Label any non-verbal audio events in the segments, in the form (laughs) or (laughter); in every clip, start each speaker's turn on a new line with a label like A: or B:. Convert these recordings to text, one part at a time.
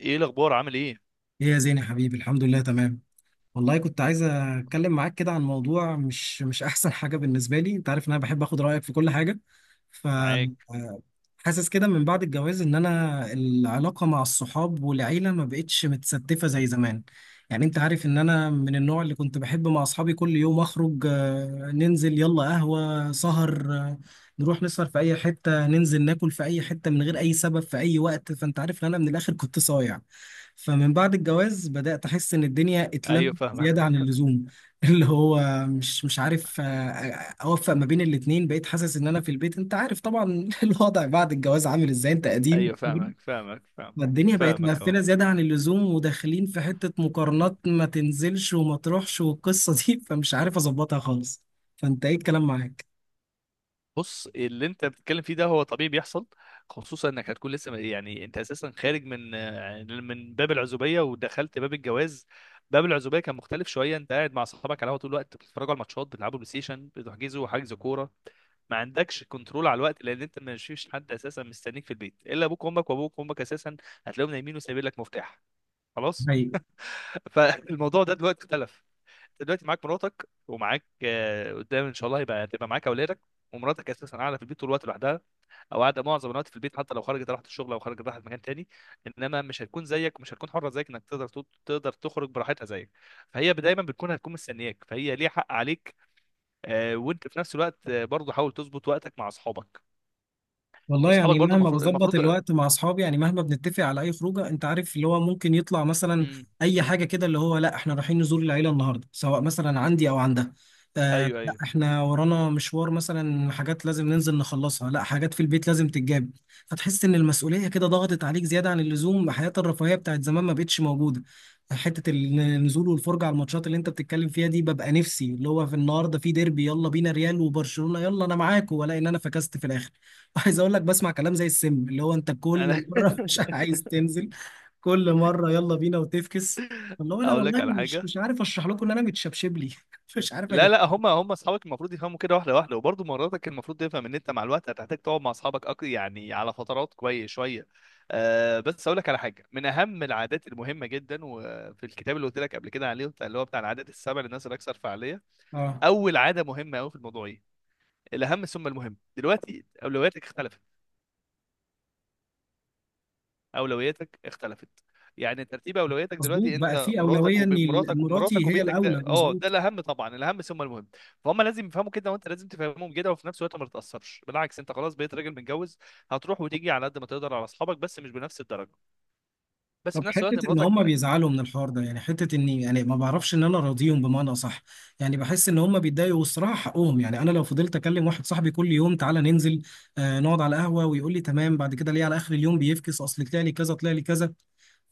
A: ايه الاخبار؟ عامل ايه؟
B: ايه يا زين يا حبيبي، الحمد لله تمام. والله كنت عايز اتكلم معاك كده عن موضوع مش احسن حاجه بالنسبه لي. انت عارف ان انا بحب اخد رايك في كل حاجه. ف
A: معاك.
B: حاسس كده من بعد الجواز ان انا العلاقه مع الصحاب والعيله ما بقتش متستفه زي زمان. يعني انت عارف ان انا من النوع اللي كنت بحب مع اصحابي كل يوم اخرج، ننزل يلا قهوه سهر، نروح نسهر في اي حته، ننزل ناكل في اي حته من غير اي سبب في اي وقت. فانت عارف ان انا من الاخر كنت صايع. فمن بعد الجواز بدأت أحس إن الدنيا اتلمت
A: ايوه، فاهمك.
B: زيادة عن
A: (laughs)
B: اللزوم. (laughs) اللي هو مش عارف أوفق ما بين الاتنين. بقيت حاسس إن أنا في البيت، أنت عارف طبعا (laughs) الوضع بعد الجواز عامل إزاي، أنت قديم.
A: ايوه فاهمك، فاهمك فاهمك
B: الدنيا بقت
A: فاهمك
B: مقفلة
A: اهو.
B: زيادة عن اللزوم، وداخلين في حتة مقارنات: ما تنزلش وما تروحش والقصة دي. (laughs) فمش عارف أظبطها خالص. فأنت إيه الكلام معاك؟
A: بص، اللي انت بتتكلم فيه ده هو طبيعي بيحصل. خصوصا انك هتكون لسه يعني انت اساسا خارج من من باب العزوبيه ودخلت باب الجواز. باب العزوبيه كان مختلف شويه. انت قاعد مع صحابك على القهوه طول الوقت، بتتفرجوا على الماتشات، بتلعبوا بلاي ستيشن، بتحجزوا حجز كوره. ما عندكش كنترول على الوقت، لان انت ما فيش حد اساسا مستنيك في البيت الا ابوك وامك، وابوك وامك اساسا هتلاقيهم نايمين وسايبين لك مفتاح. خلاص. (laughs) فالموضوع ده دلوقتي اختلف. انت دلوقتي معاك مراتك، ومعاك قدام ان شاء الله هيبقى تبقى معاك اولادك. ومراتك اساسا قاعده في البيت طول الوقت لوحدها، او قاعده معظم الوقت في البيت. حتى لو خرجت راحت الشغل او خرجت راحت مكان تاني، انما مش هتكون زيك، مش هتكون حره زيك، انك تقدر تقدر تخرج براحتها زيك. فهي دايما بتكون هتكون مستنياك، فهي ليها حق عليك. وانت في نفس الوقت برضه حاول تظبط وقتك مع اصحابك.
B: والله
A: واصحابك
B: يعني
A: برضه
B: مهما
A: المفروض
B: بظبط
A: المفروض
B: الوقت مع اصحابي، يعني مهما بنتفق على اي خروجه، انت عارف اللي هو ممكن يطلع مثلا
A: امم
B: اي حاجه كده، اللي هو: لا احنا رايحين نزور العيله النهارده سواء مثلا عندي او عندها، آه
A: ايوه
B: لا
A: ايوه.
B: احنا ورانا مشوار مثلا حاجات لازم ننزل نخلصها، لا حاجات في البيت لازم تتجاب. فتحس ان المسؤوليه كده ضغطت عليك زياده عن اللزوم. حياه الرفاهيه بتاعت زمان ما بقتش موجوده. حته النزول والفرجه على الماتشات اللي انت بتتكلم فيها دي، ببقى نفسي اللي هو في النهارده في ديربي، يلا بينا، ريال وبرشلونه، يلا انا معاك، والاقي ان انا فكست في الاخر. عايز اقول لك، بسمع كلام زي السم، اللي هو انت
A: انا
B: كل مره (laughs) مش عايز تنزل، كل مره يلا بينا وتفكس.
A: (laughs)
B: اللي هو انا
A: اقول لك
B: والله
A: على
B: مش
A: حاجه.
B: مش عارف اشرح لكم ان انا متشبشب لي (laughs) مش عارف
A: لا
B: اجيب.
A: لا، هم اصحابك المفروض يفهموا كده، واحده واحده. وبرضه مراتك المفروض تفهم ان انت مع الوقت هتحتاج تقعد مع اصحابك يعني على فترات كويس شويه. آه، بس اقول لك على حاجه من اهم العادات المهمه جدا، وفي الكتاب اللي قلت لك قبل كده عليه اللي هو بتاع العادات السبع للناس الاكثر فعاليه.
B: اه
A: اول عاده مهمه قوي في الموضوع ايه؟ الاهم ثم المهم. دلوقتي اولوياتك اختلفت، اولوياتك اختلفت. يعني ترتيب اولوياتك
B: مظبوط،
A: دلوقتي
B: بقى
A: انت،
B: في
A: مراتك
B: اولويه ان
A: ومراتك ومراتك
B: مراتي هي
A: وبيتك، ده
B: الاولى،
A: اه ده
B: مظبوط.
A: الاهم طبعا. الاهم ثم المهم. فهم لازم يفهموا كده، وانت لازم تفهمهم كده، وفي نفس الوقت ما تتاثرش بالعكس. انت خلاص بقيت راجل متجوز، هتروح وتيجي على قد ما تقدر على اصحابك، بس مش بنفس الدرجه. بس
B: طب
A: في نفس
B: حته
A: الوقت
B: ان
A: مراتك.
B: هم بيزعلوا من الحوار ده، يعني حته اني يعني ما بعرفش ان انا راضيهم بمعنى اصح. يعني بحس ان هم بيتضايقوا والصراحه حقهم. يعني انا لو فضلت اكلم واحد صاحبي كل يوم تعالى ننزل، آه نقعد على القهوه، ويقول لي تمام، بعد كده ليه على اخر اليوم بيفكس؟ اصل طلع لي كذا طلع لي كذا.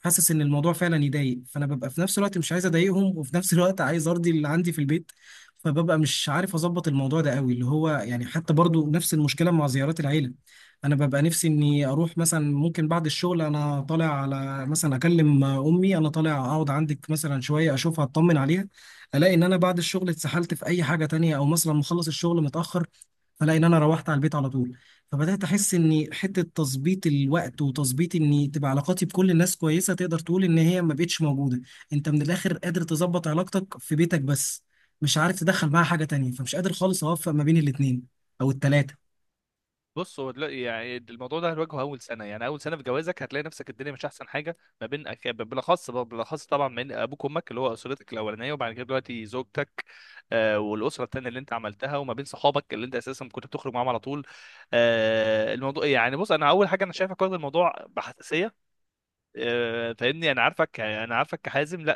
B: فحاسس ان الموضوع فعلا يضايق. فانا ببقى في نفس الوقت مش عايز اضايقهم، وفي نفس الوقت عايز ارضي اللي عندي في البيت. فببقى مش عارف اظبط الموضوع ده قوي. اللي هو يعني حتى برضو نفس المشكله مع زيارات العيله. انا ببقى نفسي اني اروح مثلا، ممكن بعد الشغل انا طالع، على مثلا اكلم امي انا طالع اقعد عندك مثلا شويه اشوفها اطمن عليها. الاقي ان انا بعد الشغل اتسحلت في اي حاجه تانية، او مثلا مخلص الشغل متاخر، الاقي ان انا روحت على البيت على طول. فبدأت أحس إن حتة تظبيط الوقت وتظبيط إن تبقى علاقاتي بكل الناس كويسة، تقدر تقول إن هي ما بقتش موجودة. أنت من الآخر قادر تظبط علاقتك في بيتك بس، مش عارف تدخل معاها حاجة تانية. فمش قادر خالص أوفق ما بين الاتنين أو التلاتة.
A: بص، هو دلوقتي يعني الموضوع ده هنواجهه اول سنه، يعني اول سنه في جوازك هتلاقي نفسك الدنيا مش احسن حاجه ما بين بالاخص طبعا من ابوك وامك اللي هو اسرتك الاولانيه، وبعد كده دلوقتي زوجتك. آه، والاسره التانيه اللي انت عملتها، وما بين صحابك اللي انت اساسا كنت بتخرج معاهم على طول. آه، الموضوع يعني بص، انا اول حاجه انا شايفك واخد الموضوع بحساسيه. آه، فاهمني؟ انا عارفك، انا عارفك كحازم. لا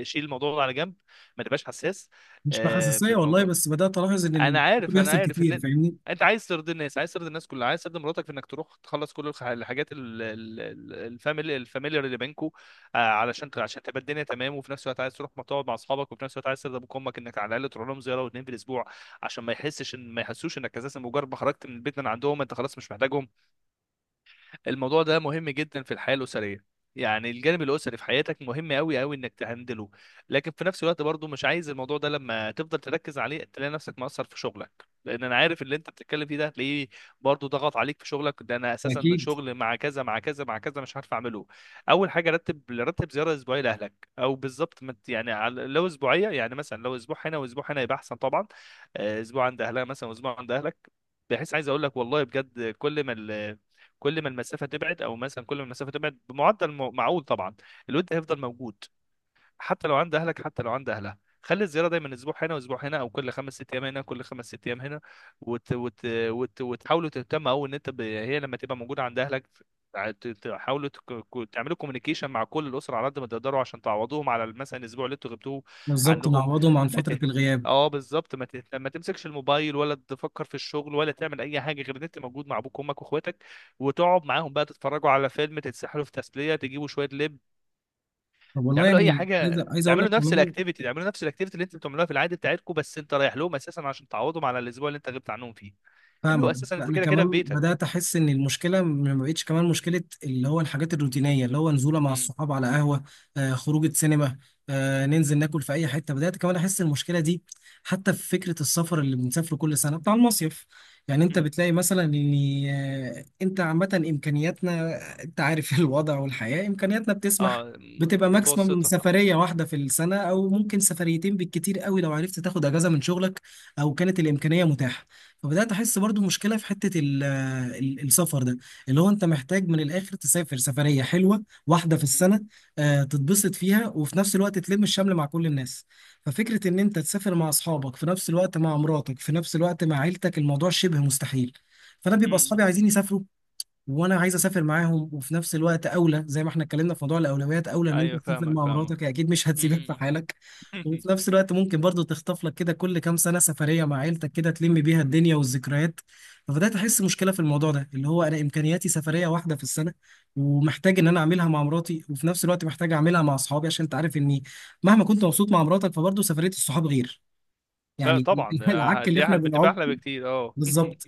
A: شيل الموضوع ده على جنب، ما تبقاش حساس
B: مش
A: في
B: بحساسية والله،
A: الموضوع.
B: بس بدأت ألاحظ إن
A: انا عارف، انا
B: بيحصل
A: عارف
B: كتير،
A: ان
B: فاهمني.
A: انت عايز ترضي الناس، عايز ترضي الناس كلها، عايز ترضي مراتك في انك تروح تخلص كل الحاجات الفاميلي الفاميليار اللي بينكو. علشان عشان تبقى الدنيا تمام، وفي نفس الوقت عايز تروح ما تقعد مع اصحابك، وفي نفس الوقت عايز ترضي ابوك وامك انك على الاقل تروح لهم زياره واثنين في الاسبوع، عشان ما يحسش ان ما يحسوش انك اساسا مجرد ما خرجت من البيت من عندهم انت خلاص مش محتاجهم. الموضوع ده مهم جدا في الحياه الاسريه. يعني الجانب الاسري في حياتك مهم قوي قوي انك تهندله. لكن في نفس الوقت برضو مش عايز الموضوع ده لما تفضل تركز عليه تلاقي نفسك مقصر في شغلك. لان انا عارف اللي انت بتتكلم فيه ده هتلاقيه برضو ضغط عليك في شغلك، ده انا اساسا
B: أكيد.
A: شغل مع كذا مع كذا مع كذا مش عارف اعمله. اول حاجه، رتب زياره اسبوعيه لاهلك، او بالظبط ما ت- يعني لو اسبوعيه يعني مثلا لو اسبوع هنا واسبوع هنا يبقى احسن طبعا. اسبوع عند اهلها مثلا واسبوع عند اهلك، بحيث عايز اقول لك والله بجد، كل ما كل ما المسافه تبعد، او مثلا كل ما المسافه تبعد بمعدل معقول طبعا، الود هيفضل موجود. حتى لو عند اهلك، حتى لو عند اهلها، خلي الزياره دايما اسبوع هنا واسبوع هنا، او كل خمس ست ايام هنا كل خمس ست ايام هنا. وت... وت... وتحاولوا تهتموا، او ان انت هي لما تبقى موجوده عند اهلك تحاولوا تعملوا كوميونيكيشن مع كل الاسره على قد ما تقدروا، عشان تعوضوهم على مثلا الاسبوع اللي انتوا غبتوه
B: بالظبط
A: عنهم.
B: نعوضهم عن
A: ما
B: فترة
A: ت...
B: الغياب.
A: اه بالظبط، ما تمسكش الموبايل، ولا تفكر في الشغل، ولا تعمل اي حاجه غير ان انت موجود مع ابوك وامك واخواتك، وتقعد معاهم بقى تتفرجوا على فيلم، تتسحلوا في تسليه، تجيبوا شويه لب،
B: طب والله
A: تعملوا اي
B: يعني عايز
A: حاجه،
B: عايز أقول لك
A: تعملوا نفس
B: كمان.
A: الاكتيفيتي، تعملوا نفس الاكتيفيتي اللي انتوا بتعملوها في العادي بتاعتكم، بس انت رايح لهم اساسا عشان تعوضهم على الاسبوع اللي انت غبت عنهم فيه. اللي هو
B: فاهمك.
A: اساسا انت
B: انا
A: كده كده في
B: كمان
A: بيتك.
B: بدات احس ان المشكله ما بقتش كمان مشكله، اللي هو الحاجات الروتينيه، اللي هو نزوله مع
A: امم
B: الصحاب على قهوه، آه خروجه سينما، آه ننزل ناكل في اي حته. بدات كمان احس المشكله دي حتى في فكره السفر اللي بنسافره كل سنه بتاع المصيف. يعني انت
A: امم.
B: بتلاقي مثلا ان انت عامه امكانياتنا، انت عارف (laughs) الوضع والحياه، امكانياتنا بتسمح
A: اه،
B: بتبقى ماكسيمم
A: متوسطه.
B: سفريه واحده في السنه، او ممكن سفريتين بالكتير قوي لو عرفت تاخد اجازه من شغلك او كانت الامكانيه متاحه. فبدات احس برضو مشكله في حته السفر ده. اللي هو انت محتاج من الاخر تسافر سفريه حلوه واحده في السنه، تتبسط فيها وفي نفس الوقت تلم الشمل مع كل الناس. ففكره ان انت تسافر مع اصحابك في نفس الوقت مع مراتك في نفس الوقت مع عيلتك، الموضوع شبه مستحيل. فانا بيبقى
A: امم.
B: اصحابي عايزين يسافروا، وانا عايز اسافر معاهم، وفي نفس الوقت اولى زي ما احنا اتكلمنا في موضوع الاولويات، اولى ان انت
A: ايوه،
B: تسافر
A: فاهمك
B: مع
A: فاهمك
B: مراتك، هي اكيد مش (laughs) هتسيبك في
A: امم.
B: حالك.
A: (laughs)
B: وفي نفس الوقت ممكن برضو تخطف لك كده كل كام سنه سفريه مع عيلتك كده تلم بيها الدنيا والذكريات. فبدات احس مشكله في الموضوع ده، اللي هو انا امكانياتي سفريه واحده في السنه، ومحتاج ان انا اعملها مع مراتي، وفي نفس الوقت محتاج اعملها مع اصحابي. عشان انت عارف اني مهما كنت مبسوط مع مراتك، فبرضو سفريه الصحاب غير، يعني (laughs)
A: طبعا،
B: العك اللي
A: دي
B: احنا
A: احلى،
B: بنعك.
A: بتبقى احلى بكتير. اه (laughs)
B: بالظبط.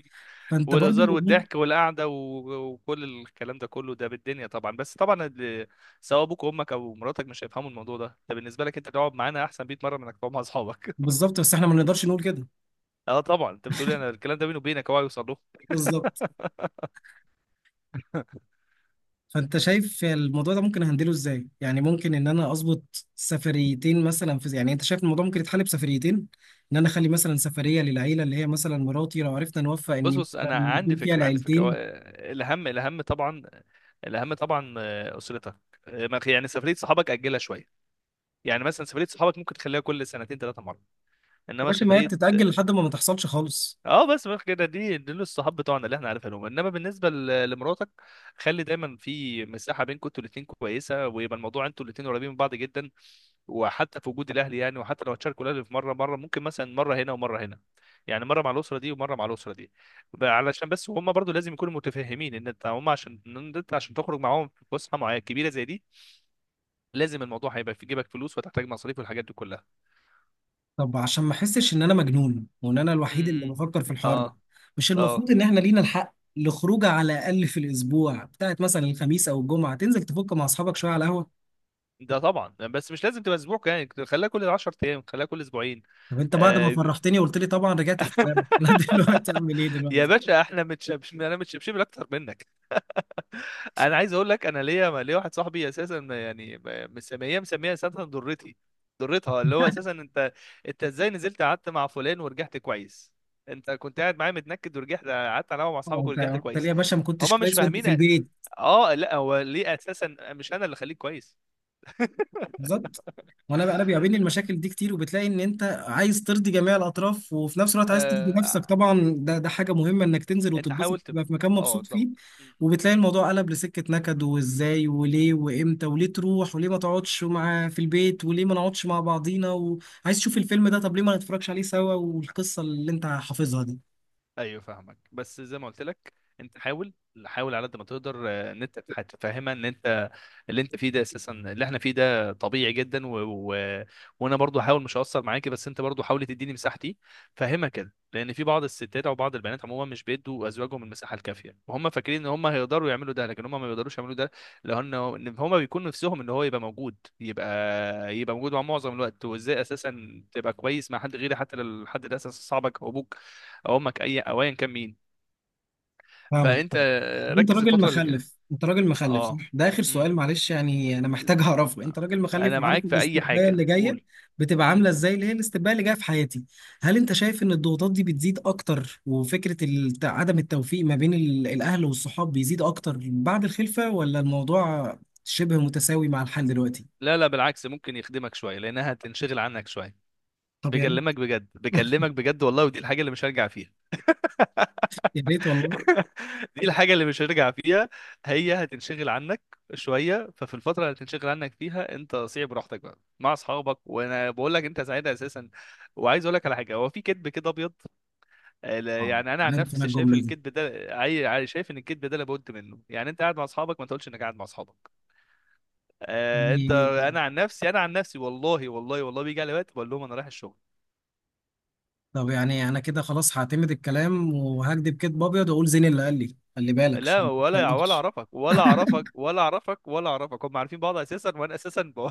B: فانت
A: والهزار
B: برضو
A: والضحك والقعده وكل الكلام ده كله، ده بالدنيا طبعا. بس طبعا سواء ابوك وامك او مراتك مش هيفهموا الموضوع ده. ده بالنسبه لك انت تقعد معانا احسن 100 مره من انك تقعد مع اصحابك.
B: بالظبط، بس احنا ما نقدرش نقول كده.
A: اه طبعا، انت بتقولي انا الكلام ده بيني وبينك، هو هيوصل له.
B: بالظبط.
A: (laughs)
B: فانت شايف الموضوع ده ممكن اهندله ازاي؟ يعني ممكن ان انا اظبط سفريتين مثلا في، يعني انت شايف الموضوع ممكن يتحل بسفريتين، ان انا اخلي مثلا سفريه للعيله اللي هي مثلا مراتي لو عرفنا نوفق
A: بص
B: ان
A: بص، انا
B: مثلا
A: عندي
B: يكون فيها
A: فكره، عندي فكره. هو،
B: العيلتين.
A: آه، الاهم، الاهم طبعا، الاهم طبعا اسرتك. يعني سفريه صحابك اجلها شويه. يعني مثلا سفريه صحابك ممكن تخليها كل سنتين ثلاثه مره،
B: يا
A: انما
B: باشا ما هي
A: سفريه.
B: بتتاجل لحد ما ما تحصلش خالص.
A: اه بس كده دي دول الصحاب بتوعنا اللي احنا عارفينهم، انما بالنسبه لمراتك خلي دايما في مساحه بينكم انتوا الاثنين كويسه، ويبقى الموضوع انتوا الاثنين قريبين من بعض جدا. وحتى في وجود الاهل، يعني وحتى لو هتشاركوا الاهل في مره مره، ممكن مثلا مره هنا ومره هنا، يعني مره مع الاسره دي ومره مع الاسره دي. علشان بس هم برضو لازم يكونوا متفهمين ان انت هم عشان ان انت عشان تخرج معاهم في فسحه معينه كبيره زي دي، لازم الموضوع هيبقى في جيبك فلوس وتحتاج مصاريف والحاجات دي كلها.
B: طب عشان ما احسش ان انا مجنون وان انا الوحيد اللي
A: امم.
B: بفكر في الحوار ده،
A: اه.
B: مش
A: اه،
B: المفروض ان احنا لينا الحق لخروجه على الاقل في الاسبوع بتاعت مثلا الخميس او الجمعه، تنزل تفك مع اصحابك شويه على قهوه؟
A: ده طبعا. بس مش لازم تبقى اسبوع، يعني خليها كل 10 ايام، خليها كل اسبوعين.
B: طب انت بعد ما
A: آه،
B: فرحتني وقلت لي طبعا رجعت في كلامك. (laughs) لا دلوقتي اعمل ايه
A: يا
B: دلوقتي؟
A: باشا احنا متشبش، انا متشبشب اكتر منك. (laughs) انا عايز اقول لك، انا ليا، ليا واحد صاحبي اساسا يعني مسميه، مسميها اساسا ضرتي، ضرتها، اللي هو اساسا انت. انت ازاي نزلت قعدت مع فلان ورجعت كويس؟ انت كنت قاعد معايا متنكد ورجعت قعدت على القهوة مع
B: طبعا
A: اصحابك
B: انت
A: ورجعت
B: انت ليه
A: كويس؟
B: يا باشا ما كنتش
A: هما مش
B: كويس وانت في
A: فاهمين
B: البيت؟
A: اه لا، هو ليه اساسا مش انا اللي خليك كويس.
B: بالظبط. وانا بقى، انا بيقابلني المشاكل دي كتير، وبتلاقي ان انت عايز ترضي جميع الاطراف، وفي نفس الوقت عايز ترضي نفسك
A: آه،
B: طبعا، ده ده حاجه مهمه انك تنزل
A: انت
B: وتتبسط
A: حاولت،
B: تبقى في مكان
A: اه
B: مبسوط فيه.
A: طبعا.
B: وبتلاقي الموضوع قلب لسكه نكد، وازاي وليه وامتى، وليه تروح، وليه ما تقعدش مع في البيت، وليه ما نقعدش مع بعضينا، وعايز تشوف الفيلم ده طب ليه ما نتفرجش عليه سوا، والقصه اللي انت حافظها دي.
A: ايوه فاهمك. بس زي ما قلت لك، انت حاول، حاول على قد ما تقدر. ان انت هتفهمها ان انت اللي انت فيه ده اساسا، اللي احنا فيه ده طبيعي جدا و... وانا برضو هحاول مش هقصر معاكي، بس انت برضو حاول تديني مساحتي. فهمها كده، لان في بعض الستات او بعض البنات عموما مش بيدوا ازواجهم المساحه الكافيه، وهم فاكرين ان هم هيقدروا يعملوا ده لكن هم ما بيقدروش يعملوا ده، لان إن هم بيكونوا نفسهم ان هو يبقى موجود، يبقى موجود مع معظم الوقت. وازاي اساسا تبقى كويس مع حد غيري حتى لو الحد ده اساسا صاحبك او ابوك او امك، اي او ايا كان مين.
B: فاهمك.
A: فانت
B: انت
A: ركز
B: راجل
A: الفتره اللي جايه.
B: مخلف، انت راجل مخلف
A: اه.
B: صح؟ ده اخر
A: امم.
B: سؤال معلش، يعني انا محتاج اعرفه. انت راجل مخلف
A: انا
B: وعارف
A: معاك في اي
B: الاستبدال اللي
A: حاجه،
B: جايه،
A: قول.
B: بتبقى
A: امم.
B: عامله ازاي اللي هي الاستبدال اللي جايه في حياتي؟ هل انت شايف ان الضغوطات دي بتزيد اكتر، وفكره عدم التوفيق ما بين الاهل والصحاب بيزيد اكتر بعد الخلفه، ولا الموضوع شبه متساوي مع الحال دلوقتي؟
A: لا لا، بالعكس، ممكن يخدمك شويه، لانها هتنشغل عنك شويه.
B: طب يا ريت.
A: بكلمك بجد، بكلمك بجد والله، ودي الحاجه اللي مش هرجع فيها.
B: يا ريت والله.
A: (laughs) دي الحاجه اللي مش هرجع فيها. هي هتنشغل عنك شويه، ففي الفتره اللي هتنشغل عنك فيها انت صيع براحتك بقى مع اصحابك، وانا بقول لك انت سعيد اساسا. وعايز اقول لك على حاجه، هو في كذب كده ابيض،
B: اه
A: يعني انا عن
B: عارف انا
A: نفسي شايف
B: الجمله دي
A: الكذب ده شايف ان الكذب ده لابد منه. يعني انت قاعد مع اصحابك ما تقولش انك قاعد مع اصحابك. آه، انت،
B: يعني.
A: انا عن نفسي، انا عن نفسي والله والله والله بيجي علي وقت بقول لهم انا رايح الشغل.
B: طب يعني انا كده خلاص هعتمد الكلام وهكدب كدب ابيض، واقول زين اللي قال لي خلي بالك
A: لا،
B: عشان ما
A: ولا ولا
B: تقولش.
A: اعرفك ولا
B: (laughs)
A: اعرفك ولا اعرفك ولا اعرفك. هم عارفين بعض اساسا وانا اساسا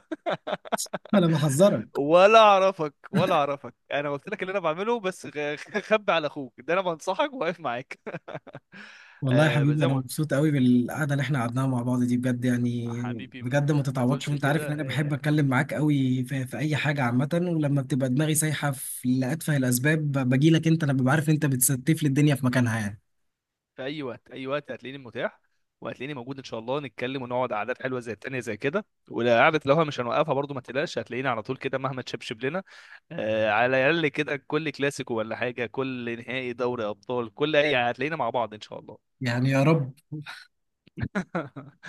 B: انا بحذرك.
A: (laughs) ولا اعرفك. انا قلت لك اللي انا بعمله بس (laughs) خبي على اخوك ده، انا بنصحك واقف معاك. (laughs)
B: والله يا
A: آه،
B: حبيبي
A: زي
B: انا
A: ما قلت.
B: مبسوط قوي بالقعده اللي احنا قعدناها مع بعض دي بجد، يعني
A: حبيبي ما
B: بجد ما
A: ما
B: تتعوضش.
A: تقولش
B: وانت عارف
A: كده.
B: ان انا بحب اتكلم معاك قوي في اي حاجه عامه، ولما بتبقى دماغي سايحه في لاتفه الاسباب باجي لك انت، انا ببقى عارف انت بتستف لي الدنيا في مكانها يعني.
A: في اي وقت، اي وقت هتلاقيني متاح، وهتلاقيني موجود ان شاء الله نتكلم، ونقعد قعدات حلوه زي التانية زي كده. وقعدة لوحة مش هنوقفها برضو، ما تقلقش، هتلاقيني على طول كده مهما تشبشب لنا. آه، على الاقل كده كل كلاسيكو ولا حاجه، كل نهائي دوري ابطال، كل اي هتلاقينا مع بعض ان شاء الله.
B: يعني يا رب.
A: (laughs)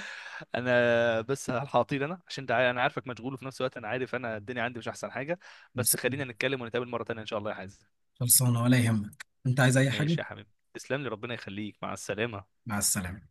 A: انا بس هطير، انا عشان انت انا عارفك مشغول، وفي نفس الوقت انا عارف انا الدنيا عندي مش احسن حاجه. بس
B: خلصانه.
A: خلينا نتكلم ونتقابل مره تانية ان شاء الله يا حازم.
B: خلصانة، ولا يهمك، انت عايز اي حاجه؟
A: ماشي يا حبيبي، تسلم لي، ربنا يخليك، مع السلامه.
B: مع السلامه.